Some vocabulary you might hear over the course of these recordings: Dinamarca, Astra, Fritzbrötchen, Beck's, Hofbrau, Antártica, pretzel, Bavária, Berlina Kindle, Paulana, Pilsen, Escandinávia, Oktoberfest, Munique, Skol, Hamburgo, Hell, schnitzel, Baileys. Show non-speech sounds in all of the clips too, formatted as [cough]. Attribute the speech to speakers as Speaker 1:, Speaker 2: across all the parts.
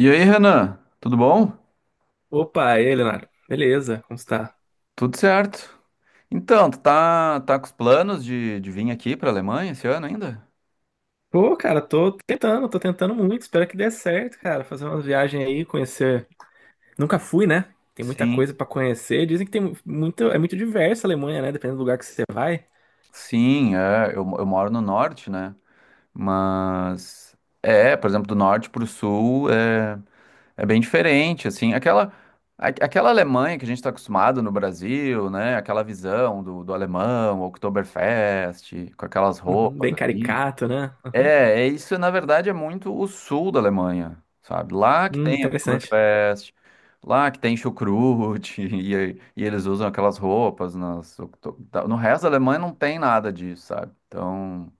Speaker 1: E aí, Renan, tudo bom?
Speaker 2: Opa, e aí, Leonardo? Beleza, como está?
Speaker 1: Tudo certo. Então, tu tá com os planos de vir aqui pra Alemanha esse ano ainda?
Speaker 2: Pô, cara, tô tentando muito, espero que dê certo, cara, fazer uma viagem aí, conhecer. Nunca fui, né? Tem muita coisa
Speaker 1: Sim.
Speaker 2: pra conhecer. Dizem que muito, é muito diversa a Alemanha, né? Dependendo do lugar que você vai.
Speaker 1: Sim, é, eu moro no norte, né? Mas, é, por exemplo, do norte pro sul é bem diferente, assim, aquela Alemanha que a gente tá acostumado no Brasil, né? Aquela visão do alemão, Oktoberfest, com aquelas
Speaker 2: Uhum,
Speaker 1: roupas
Speaker 2: bem
Speaker 1: assim.
Speaker 2: caricato, né?
Speaker 1: É,
Speaker 2: Uhum.
Speaker 1: é isso, na verdade, é muito o sul da Alemanha, sabe? Lá que tem
Speaker 2: Interessante.
Speaker 1: Oktoberfest, lá que tem chucrute, [laughs] e eles usam aquelas roupas nas, no resto da Alemanha não tem nada disso, sabe? Então,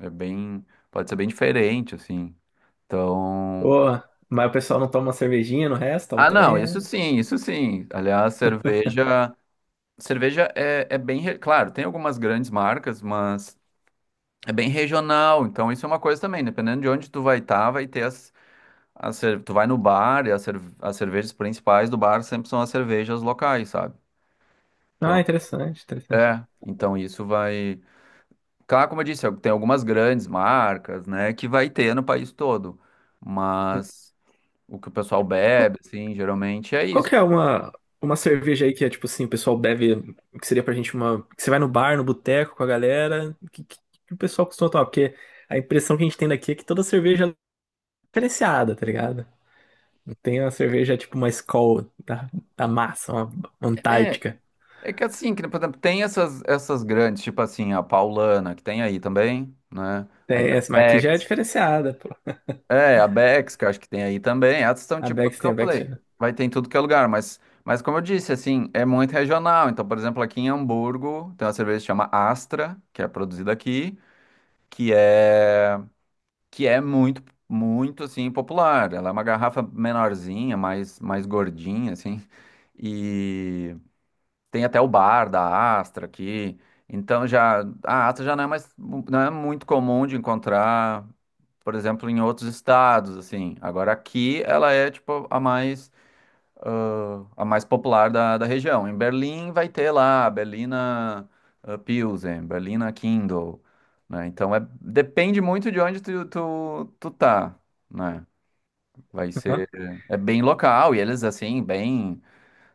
Speaker 1: é bem, pode ser bem diferente, assim. Então,
Speaker 2: Pô, mas o pessoal não toma uma cervejinha no resto? Toma
Speaker 1: ah, não,
Speaker 2: também,
Speaker 1: isso
Speaker 2: né?
Speaker 1: sim, isso sim. Aliás, cerveja é bem, claro, tem algumas grandes marcas, mas é bem regional, então isso é uma coisa também, dependendo de onde tu vai estar, vai ter tu vai no bar e as cervejas principais do bar sempre são as cervejas locais, sabe?
Speaker 2: Ah,
Speaker 1: Então,
Speaker 2: interessante, interessante.
Speaker 1: é, então isso vai. Claro, como eu disse, tem algumas grandes marcas, né, que vai ter no país todo, mas o que o pessoal
Speaker 2: Uhum.
Speaker 1: bebe, assim, geralmente é
Speaker 2: Qual
Speaker 1: isso.
Speaker 2: que é uma cerveja aí que é tipo assim, o pessoal bebe, que seria pra gente uma. Que você vai no bar, no boteco com a galera, que que o pessoal costuma tomar? Porque a impressão que a gente tem daqui é que toda cerveja é diferenciada, tá ligado? Não. Tem uma cerveja tipo uma Skol da, da massa, uma
Speaker 1: É,
Speaker 2: Antártica.
Speaker 1: é que assim, que, por exemplo, tem essas grandes, tipo assim, a Paulana, que tem aí também, né? Aí
Speaker 2: Tem
Speaker 1: tem
Speaker 2: essa,
Speaker 1: a
Speaker 2: mas aqui já é
Speaker 1: Beck's.
Speaker 2: diferenciada, pô.
Speaker 1: É, a Bex, que eu acho que tem aí também. Essas são
Speaker 2: A
Speaker 1: tipo o
Speaker 2: Beck's,
Speaker 1: que
Speaker 2: tem
Speaker 1: eu
Speaker 2: a Beck's
Speaker 1: falei.
Speaker 2: já.
Speaker 1: Vai ter em tudo que é lugar, mas, como eu disse, assim, é muito regional. Então, por exemplo, aqui em Hamburgo tem uma cerveja que chama Astra, que é produzida aqui, que é que é muito, muito assim popular. Ela é uma garrafa menorzinha, mais gordinha, assim. E tem até o bar da Astra aqui. Então já a Astra já não é mais não é muito comum de encontrar, por exemplo, em outros estados assim. Agora aqui ela é tipo a mais popular da região. Em Berlim vai ter lá a Berlina, ah, Pilsen, Berlina Kindle, né? Então é depende muito de onde tu tá, né? Vai
Speaker 2: Aham.
Speaker 1: ser é bem local e eles assim bem,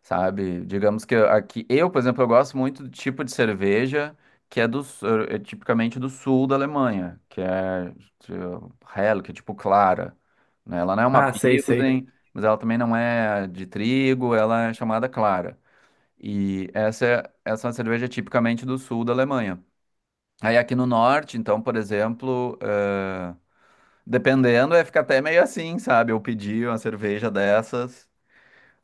Speaker 1: sabe? Digamos que aqui, eu, por exemplo, eu gosto muito do tipo de cerveja que é do é tipicamente do sul da Alemanha, que é tipo Hell, que é tipo clara, né? Ela não é uma
Speaker 2: Ah, sei, sei.
Speaker 1: Pilsen, mas ela também não é de trigo, ela é chamada clara. E essa é uma cerveja tipicamente do sul da Alemanha. Aí aqui no norte, então, por exemplo, eh, dependendo, é fica até meio assim, sabe? Eu pedi uma cerveja dessas.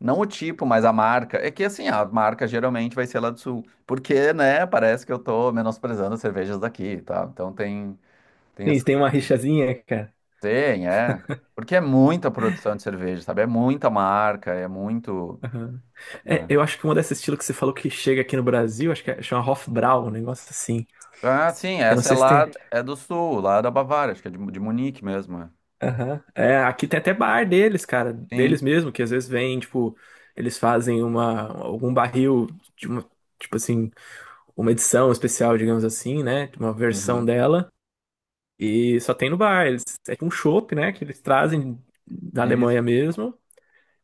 Speaker 1: Não o tipo, mas a marca. É que assim, a marca geralmente vai ser lá do sul. Porque, né, parece que eu tô menosprezando as cervejas daqui, tá? Então tem,
Speaker 2: Tem,
Speaker 1: essa-
Speaker 2: tem uma rixazinha, cara.
Speaker 1: tem, é. Porque é muita produção de cerveja, sabe? É muita marca, é muito,
Speaker 2: Aham. É,
Speaker 1: né?
Speaker 2: eu acho que uma desse estilo que você falou que chega aqui no Brasil, acho que é, chama Hofbrau, um negócio assim.
Speaker 1: Ah, sim,
Speaker 2: Eu não
Speaker 1: essa é
Speaker 2: sei se
Speaker 1: lá,
Speaker 2: tem.
Speaker 1: é do sul, lá da Bavária, acho que é de Munique mesmo, é.
Speaker 2: Aham. É, aqui tem até bar deles, cara, deles
Speaker 1: Sim.
Speaker 2: mesmo, que às vezes vem, tipo, eles fazem uma, algum barril de uma, tipo assim, uma edição especial, digamos assim, né? De uma versão
Speaker 1: Uhum.
Speaker 2: dela. E só tem no bar. Eles, é tipo um chopp, né? Que eles trazem da
Speaker 1: Isso.
Speaker 2: Alemanha mesmo.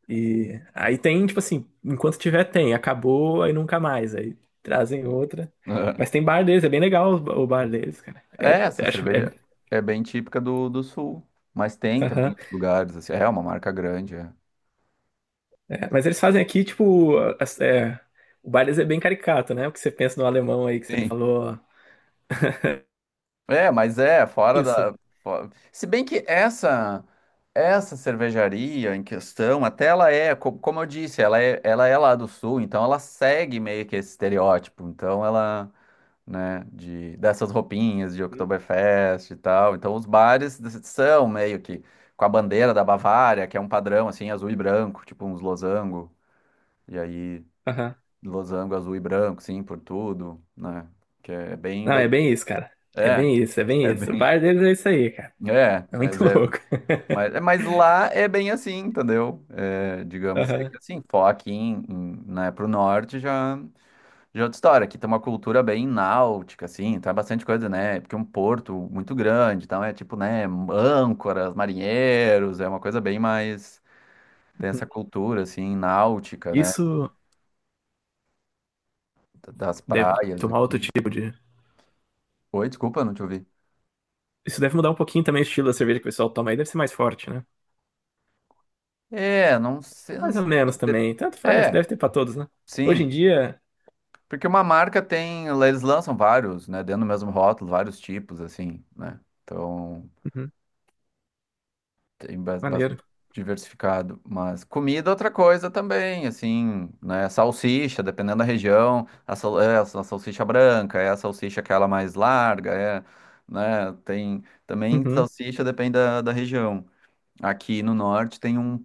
Speaker 2: E aí tem, tipo assim, enquanto tiver, tem. Acabou, aí nunca mais. Aí trazem outra. Mas
Speaker 1: [laughs]
Speaker 2: tem bar deles, é bem legal o bar deles, cara. É,
Speaker 1: É, essa
Speaker 2: acho, é,
Speaker 1: cerveja é bem típica do sul. Mas tem também em
Speaker 2: aham.
Speaker 1: outros lugares, assim. É, é uma marca grande, é.
Speaker 2: É, mas eles fazem aqui, tipo, é, o Baileys é bem caricato, né? O que você pensa no alemão aí que você
Speaker 1: Sim.
Speaker 2: falou.
Speaker 1: É, mas é, fora
Speaker 2: Isso.
Speaker 1: da. Se bem que essa cervejaria em questão, até como eu disse, ela é lá do sul, então ela segue meio que esse estereótipo. Então ela, né, dessas roupinhas de
Speaker 2: Hum?
Speaker 1: Oktoberfest e tal. Então são meio que com a bandeira da Bavária, que é um padrão assim, azul e branco, tipo uns losango. E aí,
Speaker 2: Aham.
Speaker 1: losango azul e branco, sim, por tudo, né? Que é
Speaker 2: Não,
Speaker 1: bem.
Speaker 2: é bem isso, cara. É
Speaker 1: É.
Speaker 2: bem
Speaker 1: [laughs]
Speaker 2: isso, é bem
Speaker 1: É
Speaker 2: isso. O
Speaker 1: bem
Speaker 2: bar deles é isso aí, cara.
Speaker 1: é,
Speaker 2: É
Speaker 1: mas,
Speaker 2: muito [laughs]
Speaker 1: é,
Speaker 2: louco.
Speaker 1: mas, é- mas lá é bem assim, entendeu? É, digamos que
Speaker 2: Aham.
Speaker 1: assim, for aqui né, pro norte já, já é outra história. Aqui tem uma cultura bem náutica, assim, tá bastante coisa, né? Porque é um porto muito grande, então é tipo, né, âncoras, marinheiros, é uma coisa bem mais. Tem essa cultura, assim, náutica, né?
Speaker 2: Isso
Speaker 1: Das
Speaker 2: deve
Speaker 1: praias
Speaker 2: tomar outro
Speaker 1: aqui.
Speaker 2: tipo de.
Speaker 1: Oi, desculpa, não te ouvi.
Speaker 2: Isso deve mudar um pouquinho também o estilo da cerveja que o pessoal toma aí. Deve ser mais forte, né?
Speaker 1: É, não sei, não
Speaker 2: Mais ou
Speaker 1: sei.
Speaker 2: menos
Speaker 1: Te
Speaker 2: também. Tanto faz.
Speaker 1: É,
Speaker 2: Deve ter pra todos, né? Hoje em
Speaker 1: sim.
Speaker 2: dia.
Speaker 1: Porque uma marca tem, eles lançam vários, né, dentro do mesmo rótulo, vários tipos, assim, né? Então,
Speaker 2: Uhum.
Speaker 1: tem bastante
Speaker 2: Maneiro.
Speaker 1: diversificado. Mas comida é outra coisa também, assim, né? Salsicha, dependendo da região, a, sal- é a sal- salsicha branca, é a salsicha aquela mais larga, é, né? Tem também
Speaker 2: Uhum.
Speaker 1: salsicha, depende da região. Aqui no norte tem um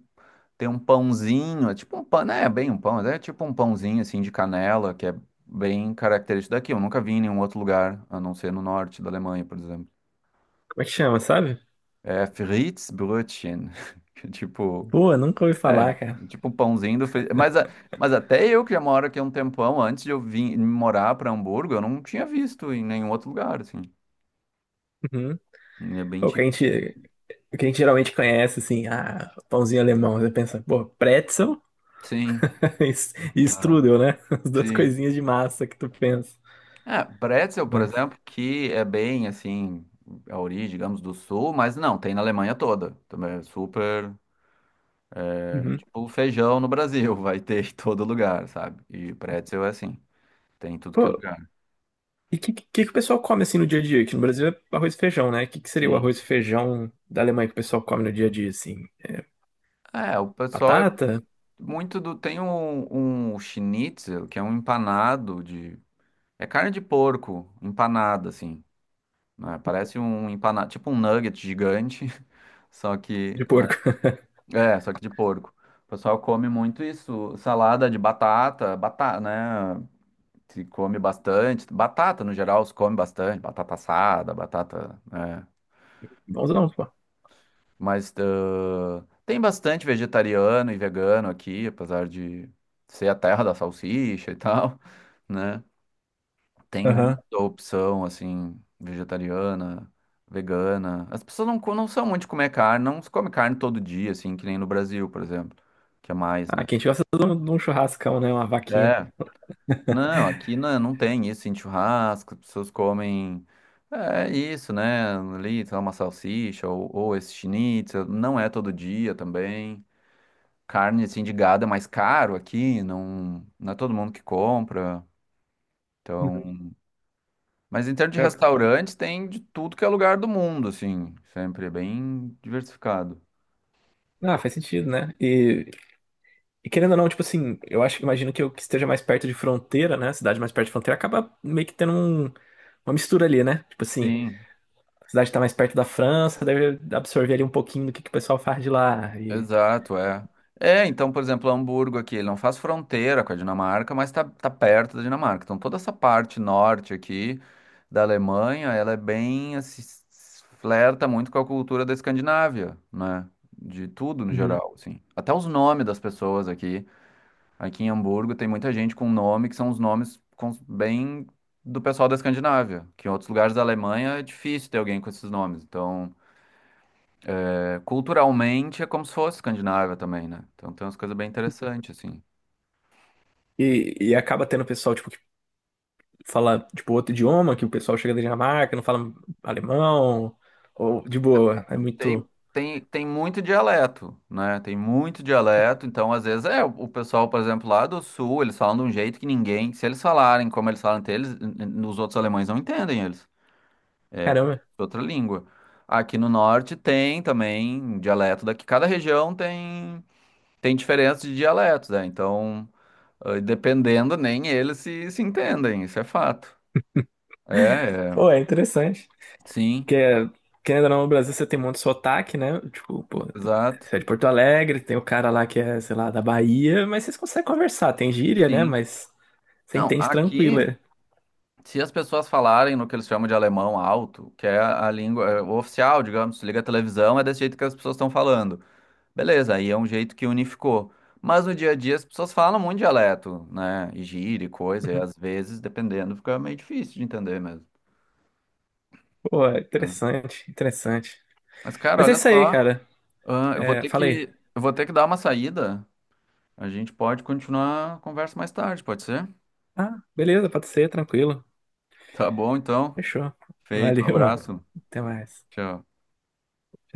Speaker 1: tem um pãozinho, é tipo um pão, né? É bem um pão, mas é tipo um pãozinho assim de canela, que é bem característico daqui. Eu nunca vi em nenhum outro lugar, a não ser no norte da Alemanha, por exemplo.
Speaker 2: Como é que chama, sabe?
Speaker 1: É Fritzbrötchen, [laughs] que é tipo,
Speaker 2: Pô, nunca ouvi
Speaker 1: é,
Speaker 2: falar, cara.
Speaker 1: é tipo um pãozinho do Fritz. Mas, mas até eu que já moro aqui há um tempão, antes de eu vir morar para Hamburgo, eu não tinha visto em nenhum outro lugar, assim.
Speaker 2: Uhum.
Speaker 1: É bem
Speaker 2: Pô, que a
Speaker 1: tipo.
Speaker 2: gente. O que a gente geralmente conhece, assim, ah, pãozinho alemão. Você pensa, pô, pretzel
Speaker 1: Sim.
Speaker 2: [laughs] e
Speaker 1: Ah,
Speaker 2: strudel, né? [laughs] As duas
Speaker 1: sim.
Speaker 2: coisinhas de massa que tu pensa.
Speaker 1: É, pretzel, por
Speaker 2: Mas,
Speaker 1: exemplo, que é bem assim, a origem, digamos, do sul, mas não, tem na Alemanha toda. Também é super, é
Speaker 2: uhum.
Speaker 1: tipo feijão no Brasil, [laughs] vai ter em todo lugar, sabe? E pretzel é assim, tem em tudo que é
Speaker 2: Pô,
Speaker 1: lugar.
Speaker 2: e que o pessoal come, assim, no dia a dia? Aqui no Brasil é arroz e feijão, né? O que que seria o
Speaker 1: Sim.
Speaker 2: arroz e feijão da Alemanha que o pessoal come no dia a dia, assim?
Speaker 1: É, o pessoal é
Speaker 2: Batata
Speaker 1: muito do. Tem um schnitzel, que é um empanado de. É carne de porco empanada, assim, né? Parece um empanado, tipo um nugget gigante, [laughs] só que,
Speaker 2: de porco. [laughs]
Speaker 1: É, só que de porco. O pessoal come muito isso, salada de batata, batata, né? Se come bastante. Batata, no geral, se come bastante. Batata assada, batata, né?
Speaker 2: Bonzão, pô.
Speaker 1: Mas tem bastante vegetariano e vegano aqui, apesar de ser a terra da salsicha e tal, né? Tem
Speaker 2: Aham.
Speaker 1: muita opção, assim, vegetariana, vegana. As pessoas não são muito de comer carne, não se come carne todo dia, assim, que nem no Brasil, por exemplo, que é mais,
Speaker 2: Ah,
Speaker 1: né?
Speaker 2: quem gosta de um churrascão, né? Uma vaquinha.
Speaker 1: É, não, aqui não, não tem isso em churrasco, as pessoas comem. É isso, né? Ali, sei lá, uma salsicha ou esse schnitzel. Não é todo dia também. Carne, assim, de gado é mais caro aqui, não, não é todo mundo que compra.
Speaker 2: Uhum.
Speaker 1: Então. Mas em termos de
Speaker 2: É.
Speaker 1: restaurantes, tem de tudo que é lugar do mundo, assim. Sempre é bem diversificado.
Speaker 2: Ah, faz sentido, né? E querendo ou não, tipo assim, eu acho, imagino que eu que esteja mais perto de fronteira, né? A cidade mais perto de fronteira acaba meio que tendo uma mistura ali, né? Tipo assim,
Speaker 1: Sim.
Speaker 2: a cidade tá mais perto da França, deve absorver ali um pouquinho do que o pessoal faz de lá. E,
Speaker 1: Exato, é. É, então, por exemplo, Hamburgo aqui, ele não faz fronteira com a Dinamarca, mas tá perto da Dinamarca. Então, toda essa parte norte aqui da Alemanha, ela é bem, assim, flerta muito com a cultura da Escandinávia, né? De tudo no
Speaker 2: uhum,
Speaker 1: geral, assim. Até os nomes das pessoas aqui. Aqui em Hamburgo tem muita gente com nome que são os bem do pessoal da Escandinávia, que em outros lugares da Alemanha é difícil ter alguém com esses nomes. Então. Culturalmente é como se fosse Escandinávia também, né? Então tem umas coisas bem interessantes, assim.
Speaker 2: e acaba tendo pessoal, tipo, que fala, tipo, outro idioma, que o pessoal chega da Dinamarca, não fala alemão, ou de boa, é muito.
Speaker 1: Tem muito dialeto, né? Tem muito dialeto, então às vezes é, o pessoal, por exemplo, lá do sul, eles falam de um jeito que ninguém, se eles falarem como eles falam entre eles, os outros alemães não entendem eles. É como se
Speaker 2: Caramba.
Speaker 1: fosse outra língua. Aqui no norte tem também dialeto daqui, cada região tem, tem diferença de dialetos, né? Então, dependendo, nem eles se entendem, isso é fato. É,
Speaker 2: Pô,
Speaker 1: é.
Speaker 2: é interessante.
Speaker 1: Sim.
Speaker 2: Que é, querendo ou não, no Brasil você tem muito sotaque, né? Tipo, pô,
Speaker 1: Exato.
Speaker 2: você é de Porto Alegre, tem o cara lá que é, sei lá, da Bahia, mas vocês conseguem conversar, tem gíria, né?
Speaker 1: Sim.
Speaker 2: Mas você
Speaker 1: Não,
Speaker 2: entende tranquilo.
Speaker 1: aqui,
Speaker 2: É.
Speaker 1: se as pessoas falarem no que eles chamam de alemão alto, que é a língua é, o oficial, digamos, se liga a televisão, é desse jeito que as pessoas estão falando. Beleza, aí é um jeito que unificou. Mas no dia a dia as pessoas falam muito dialeto, né? E gíria e coisa, e
Speaker 2: Uhum.
Speaker 1: às vezes, dependendo, fica meio difícil de entender mesmo.
Speaker 2: Pô, é
Speaker 1: Né?
Speaker 2: interessante, interessante.
Speaker 1: Mas, cara,
Speaker 2: Mas é
Speaker 1: olha
Speaker 2: isso aí,
Speaker 1: só,
Speaker 2: cara.
Speaker 1: ah, eu vou
Speaker 2: É,
Speaker 1: ter
Speaker 2: falei.
Speaker 1: eu vou ter que dar uma saída. A gente pode continuar a conversa mais tarde, pode ser?
Speaker 2: Ah, beleza, pode ser, tranquilo.
Speaker 1: Tá bom, então.
Speaker 2: Fechou.
Speaker 1: Feito, um
Speaker 2: Valeu, [laughs] mano.
Speaker 1: abraço.
Speaker 2: Até mais.
Speaker 1: Tchau.